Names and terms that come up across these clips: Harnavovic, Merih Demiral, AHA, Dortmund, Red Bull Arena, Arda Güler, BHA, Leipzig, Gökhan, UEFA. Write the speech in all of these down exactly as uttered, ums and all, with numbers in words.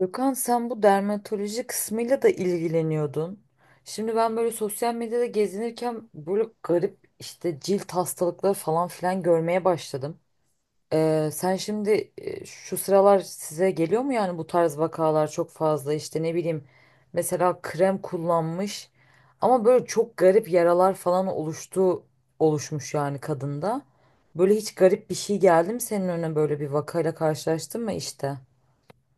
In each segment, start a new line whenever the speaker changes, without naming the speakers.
Gökhan, sen bu dermatoloji kısmıyla da ilgileniyordun. Şimdi ben böyle sosyal medyada gezinirken böyle garip işte cilt hastalıkları falan filan görmeye başladım. Ee, sen şimdi e, şu sıralar size geliyor mu? Yani bu tarz vakalar çok fazla, işte ne bileyim, mesela krem kullanmış ama böyle çok garip yaralar falan oluştu oluşmuş yani kadında. Böyle hiç garip bir şey geldi mi senin önüne, böyle bir vakayla karşılaştın mı işte?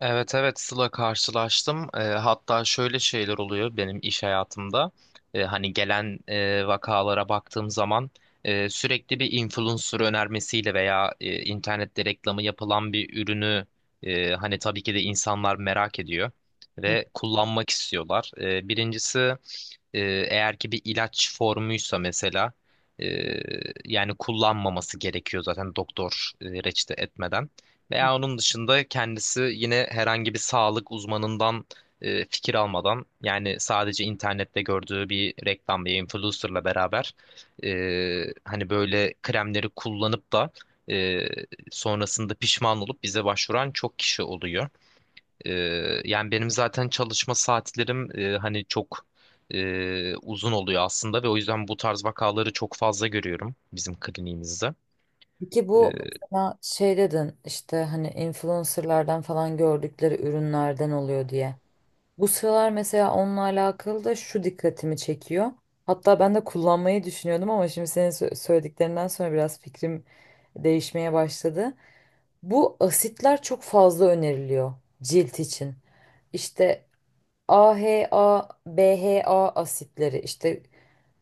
Evet, evet Sıla, karşılaştım. Eee, hatta şöyle şeyler oluyor benim iş hayatımda. Eee, hani gelen eee, vakalara baktığım zaman eee, sürekli bir influencer önermesiyle veya eee, internette reklamı yapılan bir ürünü eee, hani tabii ki de insanlar merak ediyor ve kullanmak istiyorlar. Eee, birincisi, e, eğer ki bir ilaç formuysa mesela e, yani kullanmaması gerekiyor zaten doktor e, reçete etmeden. Veya onun dışında kendisi yine herhangi bir sağlık uzmanından e, fikir almadan, yani sadece internette gördüğü bir reklam, bir influencerla beraber e, hani böyle kremleri kullanıp da e, sonrasında pişman olup bize başvuran çok kişi oluyor. E, Yani benim zaten çalışma saatlerim, e, hani, çok e, uzun oluyor aslında ve o yüzden bu tarz vakaları çok fazla görüyorum bizim kliniğimizde.
Peki bu,
E,
mesela şey dedin, işte hani influencerlardan falan gördükleri ürünlerden oluyor diye. Bu sıralar mesela onunla alakalı da şu dikkatimi çekiyor. Hatta ben de kullanmayı düşünüyordum ama şimdi senin sö- söylediklerinden sonra biraz fikrim değişmeye başladı. Bu asitler çok fazla öneriliyor cilt için. İşte A H A, B H A asitleri, işte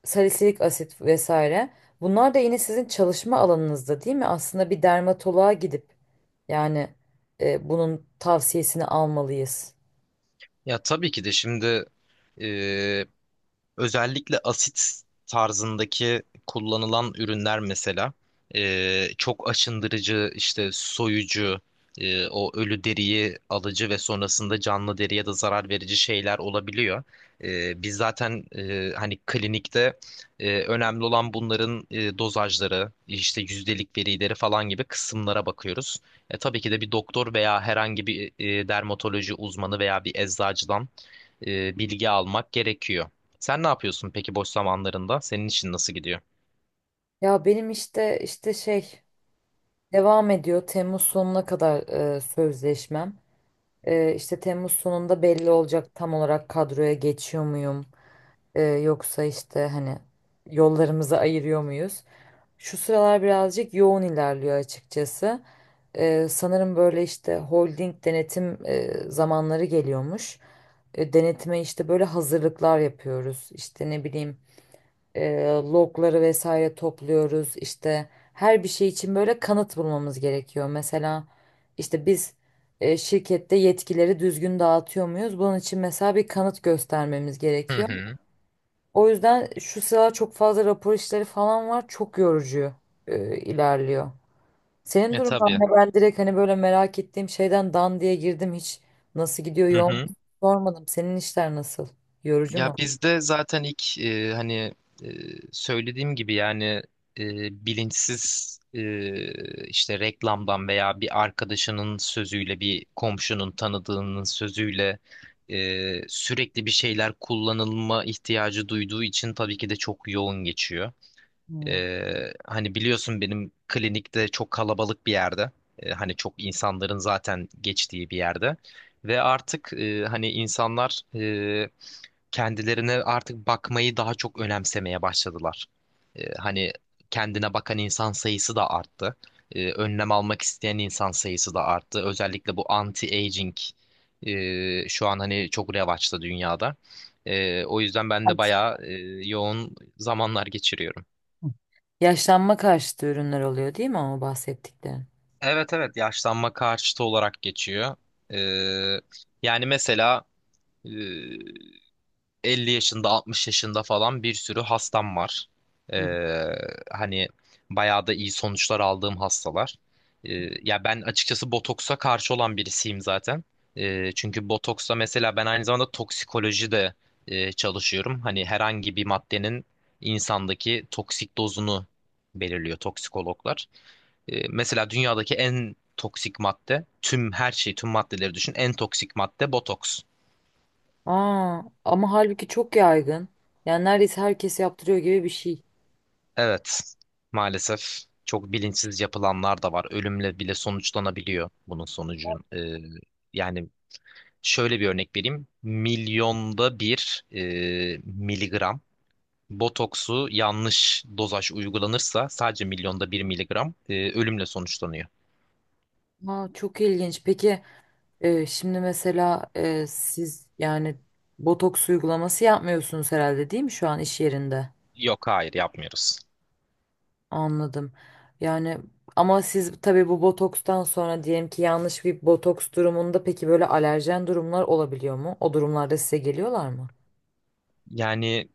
salisilik asit vesaire. Bunlar da yine sizin çalışma alanınızda değil mi? Aslında bir dermatoloğa gidip yani e, bunun tavsiyesini almalıyız.
Ya tabii ki de şimdi... e, Özellikle asit tarzındaki kullanılan ürünler mesela e, çok aşındırıcı, işte soyucu, e, o ölü deriyi alıcı ve sonrasında canlı deriye de zarar verici şeyler olabiliyor. E, biz zaten, e, hani klinikte, e, önemli olan bunların e, dozajları, işte yüzdelik verileri falan gibi kısımlara bakıyoruz. E, tabii ki de bir doktor veya herhangi bir e, dermatoloji uzmanı veya bir eczacıdan e, bilgi almak gerekiyor. Sen ne yapıyorsun peki boş zamanlarında? Senin için nasıl gidiyor?
Ya benim işte işte şey devam ediyor. Temmuz sonuna kadar e, sözleşmem. E, işte Temmuz sonunda belli olacak tam olarak, kadroya geçiyor muyum? E, yoksa işte hani yollarımızı ayırıyor muyuz? Şu sıralar birazcık yoğun ilerliyor açıkçası. Ee, sanırım böyle işte holding denetim e, zamanları geliyormuş. E, denetime işte böyle hazırlıklar yapıyoruz. İşte ne bileyim, e, logları vesaire topluyoruz. İşte her bir şey için böyle kanıt bulmamız gerekiyor. Mesela işte biz e, şirkette yetkileri düzgün dağıtıyor muyuz? Bunun için mesela bir kanıt göstermemiz
Hı
gerekiyor.
hı.
O yüzden şu sıra çok fazla rapor işleri falan var. Çok yorucu e, ilerliyor. Senin
E
durumun
tabii.
ne? Ben direkt hani böyle merak ettiğim şeyden dan diye girdim. Hiç nasıl gidiyor,
Hı
yoğun,
hı.
sormadım. Senin işler nasıl? Yorucu
Ya
mu?
bizde zaten ilk, e, hani e, söylediğim gibi, yani, e, bilinçsiz, e, işte reklamdan veya bir arkadaşının sözüyle, bir komşunun tanıdığının sözüyle e, sürekli bir şeyler kullanılma ihtiyacı duyduğu için tabii ki de çok yoğun geçiyor.
Hmm.
Ee, hani biliyorsun benim klinikte, çok kalabalık bir yerde. Ee, hani çok insanların zaten geçtiği bir yerde. Ve artık, e, hani insanlar, e, kendilerine artık bakmayı daha çok önemsemeye başladılar. Ee, hani kendine bakan insan sayısı da arttı. Ee, önlem almak isteyen insan sayısı da arttı. Özellikle bu anti-aging e, şu an hani çok revaçta dünyada. Ee, o yüzden ben de bayağı e, yoğun zamanlar geçiriyorum.
Yaşlanma karşıtı ürünler oluyor değil mi ama bahsettiklerin?
Evet, evet, yaşlanma karşıtı olarak geçiyor. Ee, Yani mesela e, elli yaşında, altmış yaşında falan bir sürü hastam var.
Hı.
Ee, Hani bayağı da iyi sonuçlar aldığım hastalar. Ee, Ya ben açıkçası botoksa karşı olan birisiyim zaten. Ee, çünkü botoksa, mesela ben aynı zamanda toksikoloji de e, çalışıyorum. Hani herhangi bir maddenin insandaki toksik dozunu belirliyor toksikologlar. E, mesela dünyadaki en toksik madde, tüm her şeyi, tüm maddeleri düşün. En toksik madde botoks.
Aa, ama halbuki çok yaygın. Yani neredeyse herkes yaptırıyor gibi bir şey.
Evet, maalesef çok bilinçsiz yapılanlar da var. Ölümle bile sonuçlanabiliyor bunun sonucun. E, yani şöyle bir örnek vereyim. Milyonda bir, e, miligram botoksu yanlış dozaj uygulanırsa, sadece milyonda bir miligram, e, ölümle sonuçlanıyor.
Aa, çok ilginç. Peki, Ee, şimdi mesela e, siz yani botoks uygulaması yapmıyorsunuz herhalde değil mi şu an iş yerinde?
Yok, hayır, yapmıyoruz.
Anladım. Yani ama siz tabii bu botokstan sonra diyelim ki yanlış bir botoks durumunda peki böyle alerjen durumlar olabiliyor mu? O durumlarda size geliyorlar mı?
Yani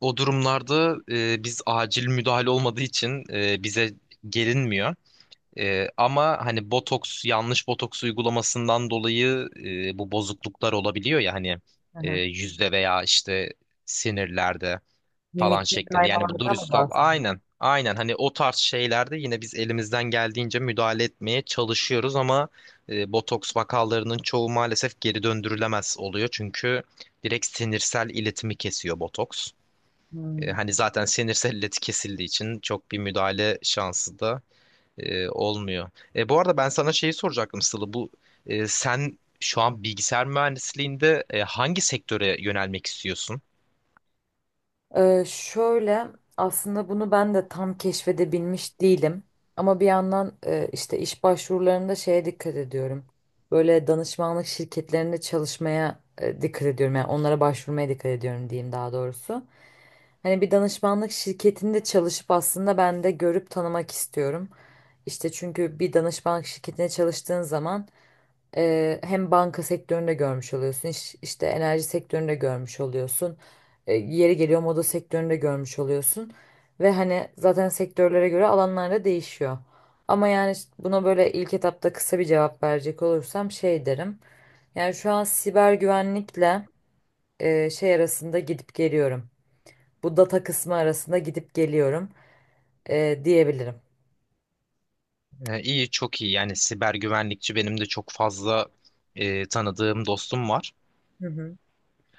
o durumlarda e, biz acil müdahale olmadığı için e, bize gelinmiyor. E, ama hani botoks, yanlış botoks uygulamasından dolayı e, bu bozukluklar olabiliyor ya, hani
Hı
e,
hı.
yüzde veya işte sinirlerde falan
Mimikte
şeklinde. Yani bu
kaymalardan mı
dürüst.
bahsediyorsunuz?
Aynen. Aynen. Hani o tarz şeylerde yine biz elimizden geldiğince müdahale etmeye çalışıyoruz ama e, botoks vakalarının çoğu maalesef geri döndürülemez oluyor. Çünkü direkt sinirsel iletimi kesiyor botoks. E,
Hmm.
hani zaten sinirsel ileti kesildiği için çok bir müdahale şansı da e, olmuyor. E, bu arada ben sana şeyi soracaktım Sıla. Bu e, sen şu an bilgisayar mühendisliğinde e, hangi sektöre yönelmek istiyorsun?
Ee, şöyle, aslında bunu ben de tam keşfedebilmiş değilim. Ama bir yandan e, işte iş başvurularında şeye dikkat ediyorum. Böyle danışmanlık şirketlerinde çalışmaya e, dikkat ediyorum. Yani onlara başvurmaya dikkat ediyorum diyeyim, daha doğrusu. Hani bir danışmanlık şirketinde çalışıp aslında ben de görüp tanımak istiyorum. İşte çünkü bir danışmanlık şirketine çalıştığın zaman Eee, hem banka sektöründe görmüş oluyorsun, iş- işte enerji sektöründe görmüş oluyorsun, E, yeri geliyor moda sektöründe görmüş oluyorsun ve hani zaten sektörlere göre alanlarda değişiyor. Ama yani işte buna böyle ilk etapta kısa bir cevap verecek olursam şey derim. Yani şu an siber güvenlikle e, şey arasında gidip geliyorum. Bu data kısmı arasında gidip geliyorum, e, diyebilirim.
Ee, İyi, çok iyi. Yani siber güvenlikçi benim de çok fazla e, tanıdığım dostum var.
Hı hı.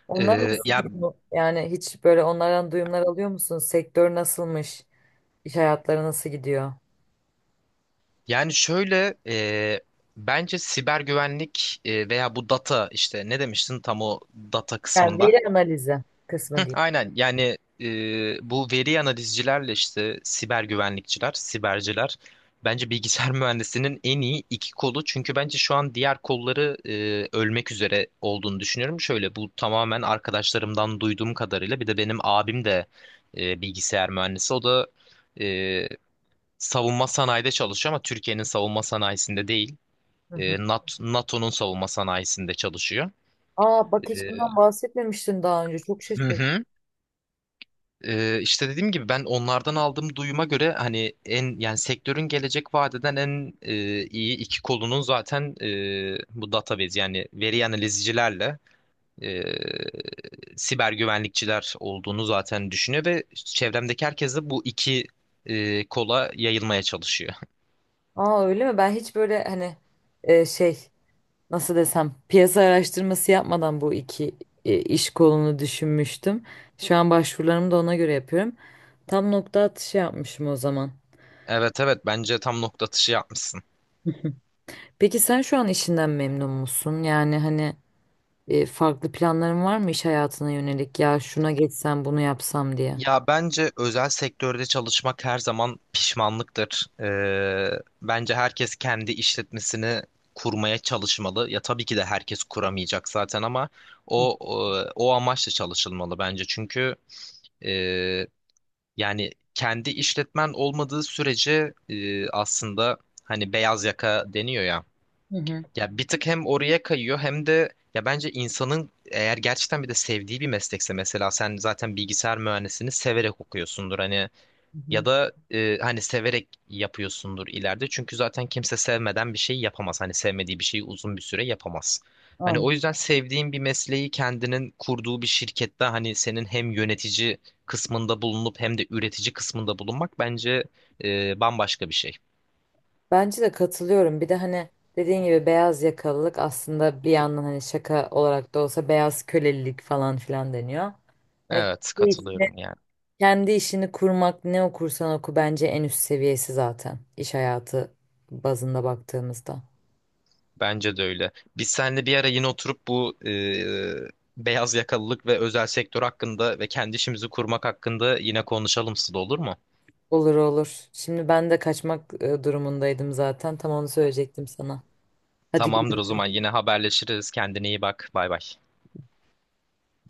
Onlar
Ee,
nasıl
ya
gidiyor? Yani hiç böyle onlardan duyumlar alıyor musun? Sektör nasılmış? İş hayatları nasıl gidiyor?
yani şöyle, e, bence siber güvenlik e, veya bu data, işte ne demiştin tam o data
Yani
kısmında?
veri analizi kısmı diyeyim.
Aynen, yani e, bu veri analizcilerle işte siber güvenlikçiler, siberciler bence bilgisayar mühendisinin en iyi iki kolu. Çünkü bence şu an diğer kolları e, ölmek üzere olduğunu düşünüyorum. Şöyle, bu tamamen arkadaşlarımdan duyduğum kadarıyla, bir de benim abim de e, bilgisayar mühendisi. O da e, savunma sanayide çalışıyor ama Türkiye'nin savunma sanayisinde değil.
Hı
E,
hı.
NAT- NATO'nun savunma sanayisinde çalışıyor.
Aa
E,
bak, hiç bundan bahsetmemiştin daha önce. Çok şaşırdım.
Ee, işte dediğim gibi ben onlardan aldığım duyuma göre hani en, yani sektörün gelecek vadeden en e, iyi iki kolunun zaten e, bu database, yani veri analizcilerle e, siber güvenlikçiler olduğunu zaten düşünüyor ve çevremdeki herkes de bu iki e, kola yayılmaya çalışıyor.
Aa, öyle mi? Ben hiç böyle hani e, şey nasıl desem piyasa araştırması yapmadan bu iki e, iş kolunu düşünmüştüm. Şu an başvurularımı da ona göre yapıyorum. Tam nokta atışı yapmışım o zaman.
Evet, evet, bence tam nokta atışı yapmışsın.
Peki sen şu an işinden memnun musun? Yani hani e, farklı planların var mı iş hayatına yönelik? Ya şuna geçsem bunu yapsam diye.
Ya bence özel sektörde çalışmak her zaman pişmanlıktır. Ee, bence herkes kendi işletmesini kurmaya çalışmalı. Ya tabii ki de herkes kuramayacak zaten ama o o, o amaçla çalışılmalı bence. Çünkü e, yani kendi işletmen olmadığı sürece, e, aslında, hani beyaz yaka deniyor ya.
Hı hı.
Ya bir tık hem oraya kayıyor hem de, ya bence insanın, eğer gerçekten bir de sevdiği bir meslekse, mesela sen zaten bilgisayar mühendisliğini severek okuyorsundur hani,
Hı hı.
ya da e, hani severek yapıyorsundur ileride, çünkü zaten kimse sevmeden bir şey yapamaz, hani sevmediği bir şeyi uzun bir süre yapamaz. Hani
Aynen.
o yüzden sevdiğin bir mesleği kendinin kurduğu bir şirkette, hani senin hem yönetici kısmında bulunup hem de üretici kısmında bulunmak bence e, bambaşka bir şey.
Bence de katılıyorum. Bir de hani dediğin gibi beyaz yakalılık aslında bir yandan hani şaka olarak da olsa beyaz kölelilik falan filan deniyor. Hani
Evet,
kendi işini,
katılıyorum yani.
kendi işini kurmak ne okursan oku bence en üst seviyesi, zaten iş hayatı bazında baktığımızda.
Bence de öyle. Biz seninle bir ara yine oturup bu e, beyaz yakalılık ve özel sektör hakkında ve kendi işimizi kurmak hakkında yine konuşalım Sıla, olur mu?
Olur olur. Şimdi ben de kaçmak e, durumundaydım zaten. Tam onu söyleyecektim sana. Hadi
Tamamdır, o
görüşürüz.
zaman yine haberleşiriz. Kendine iyi bak. Bay bay.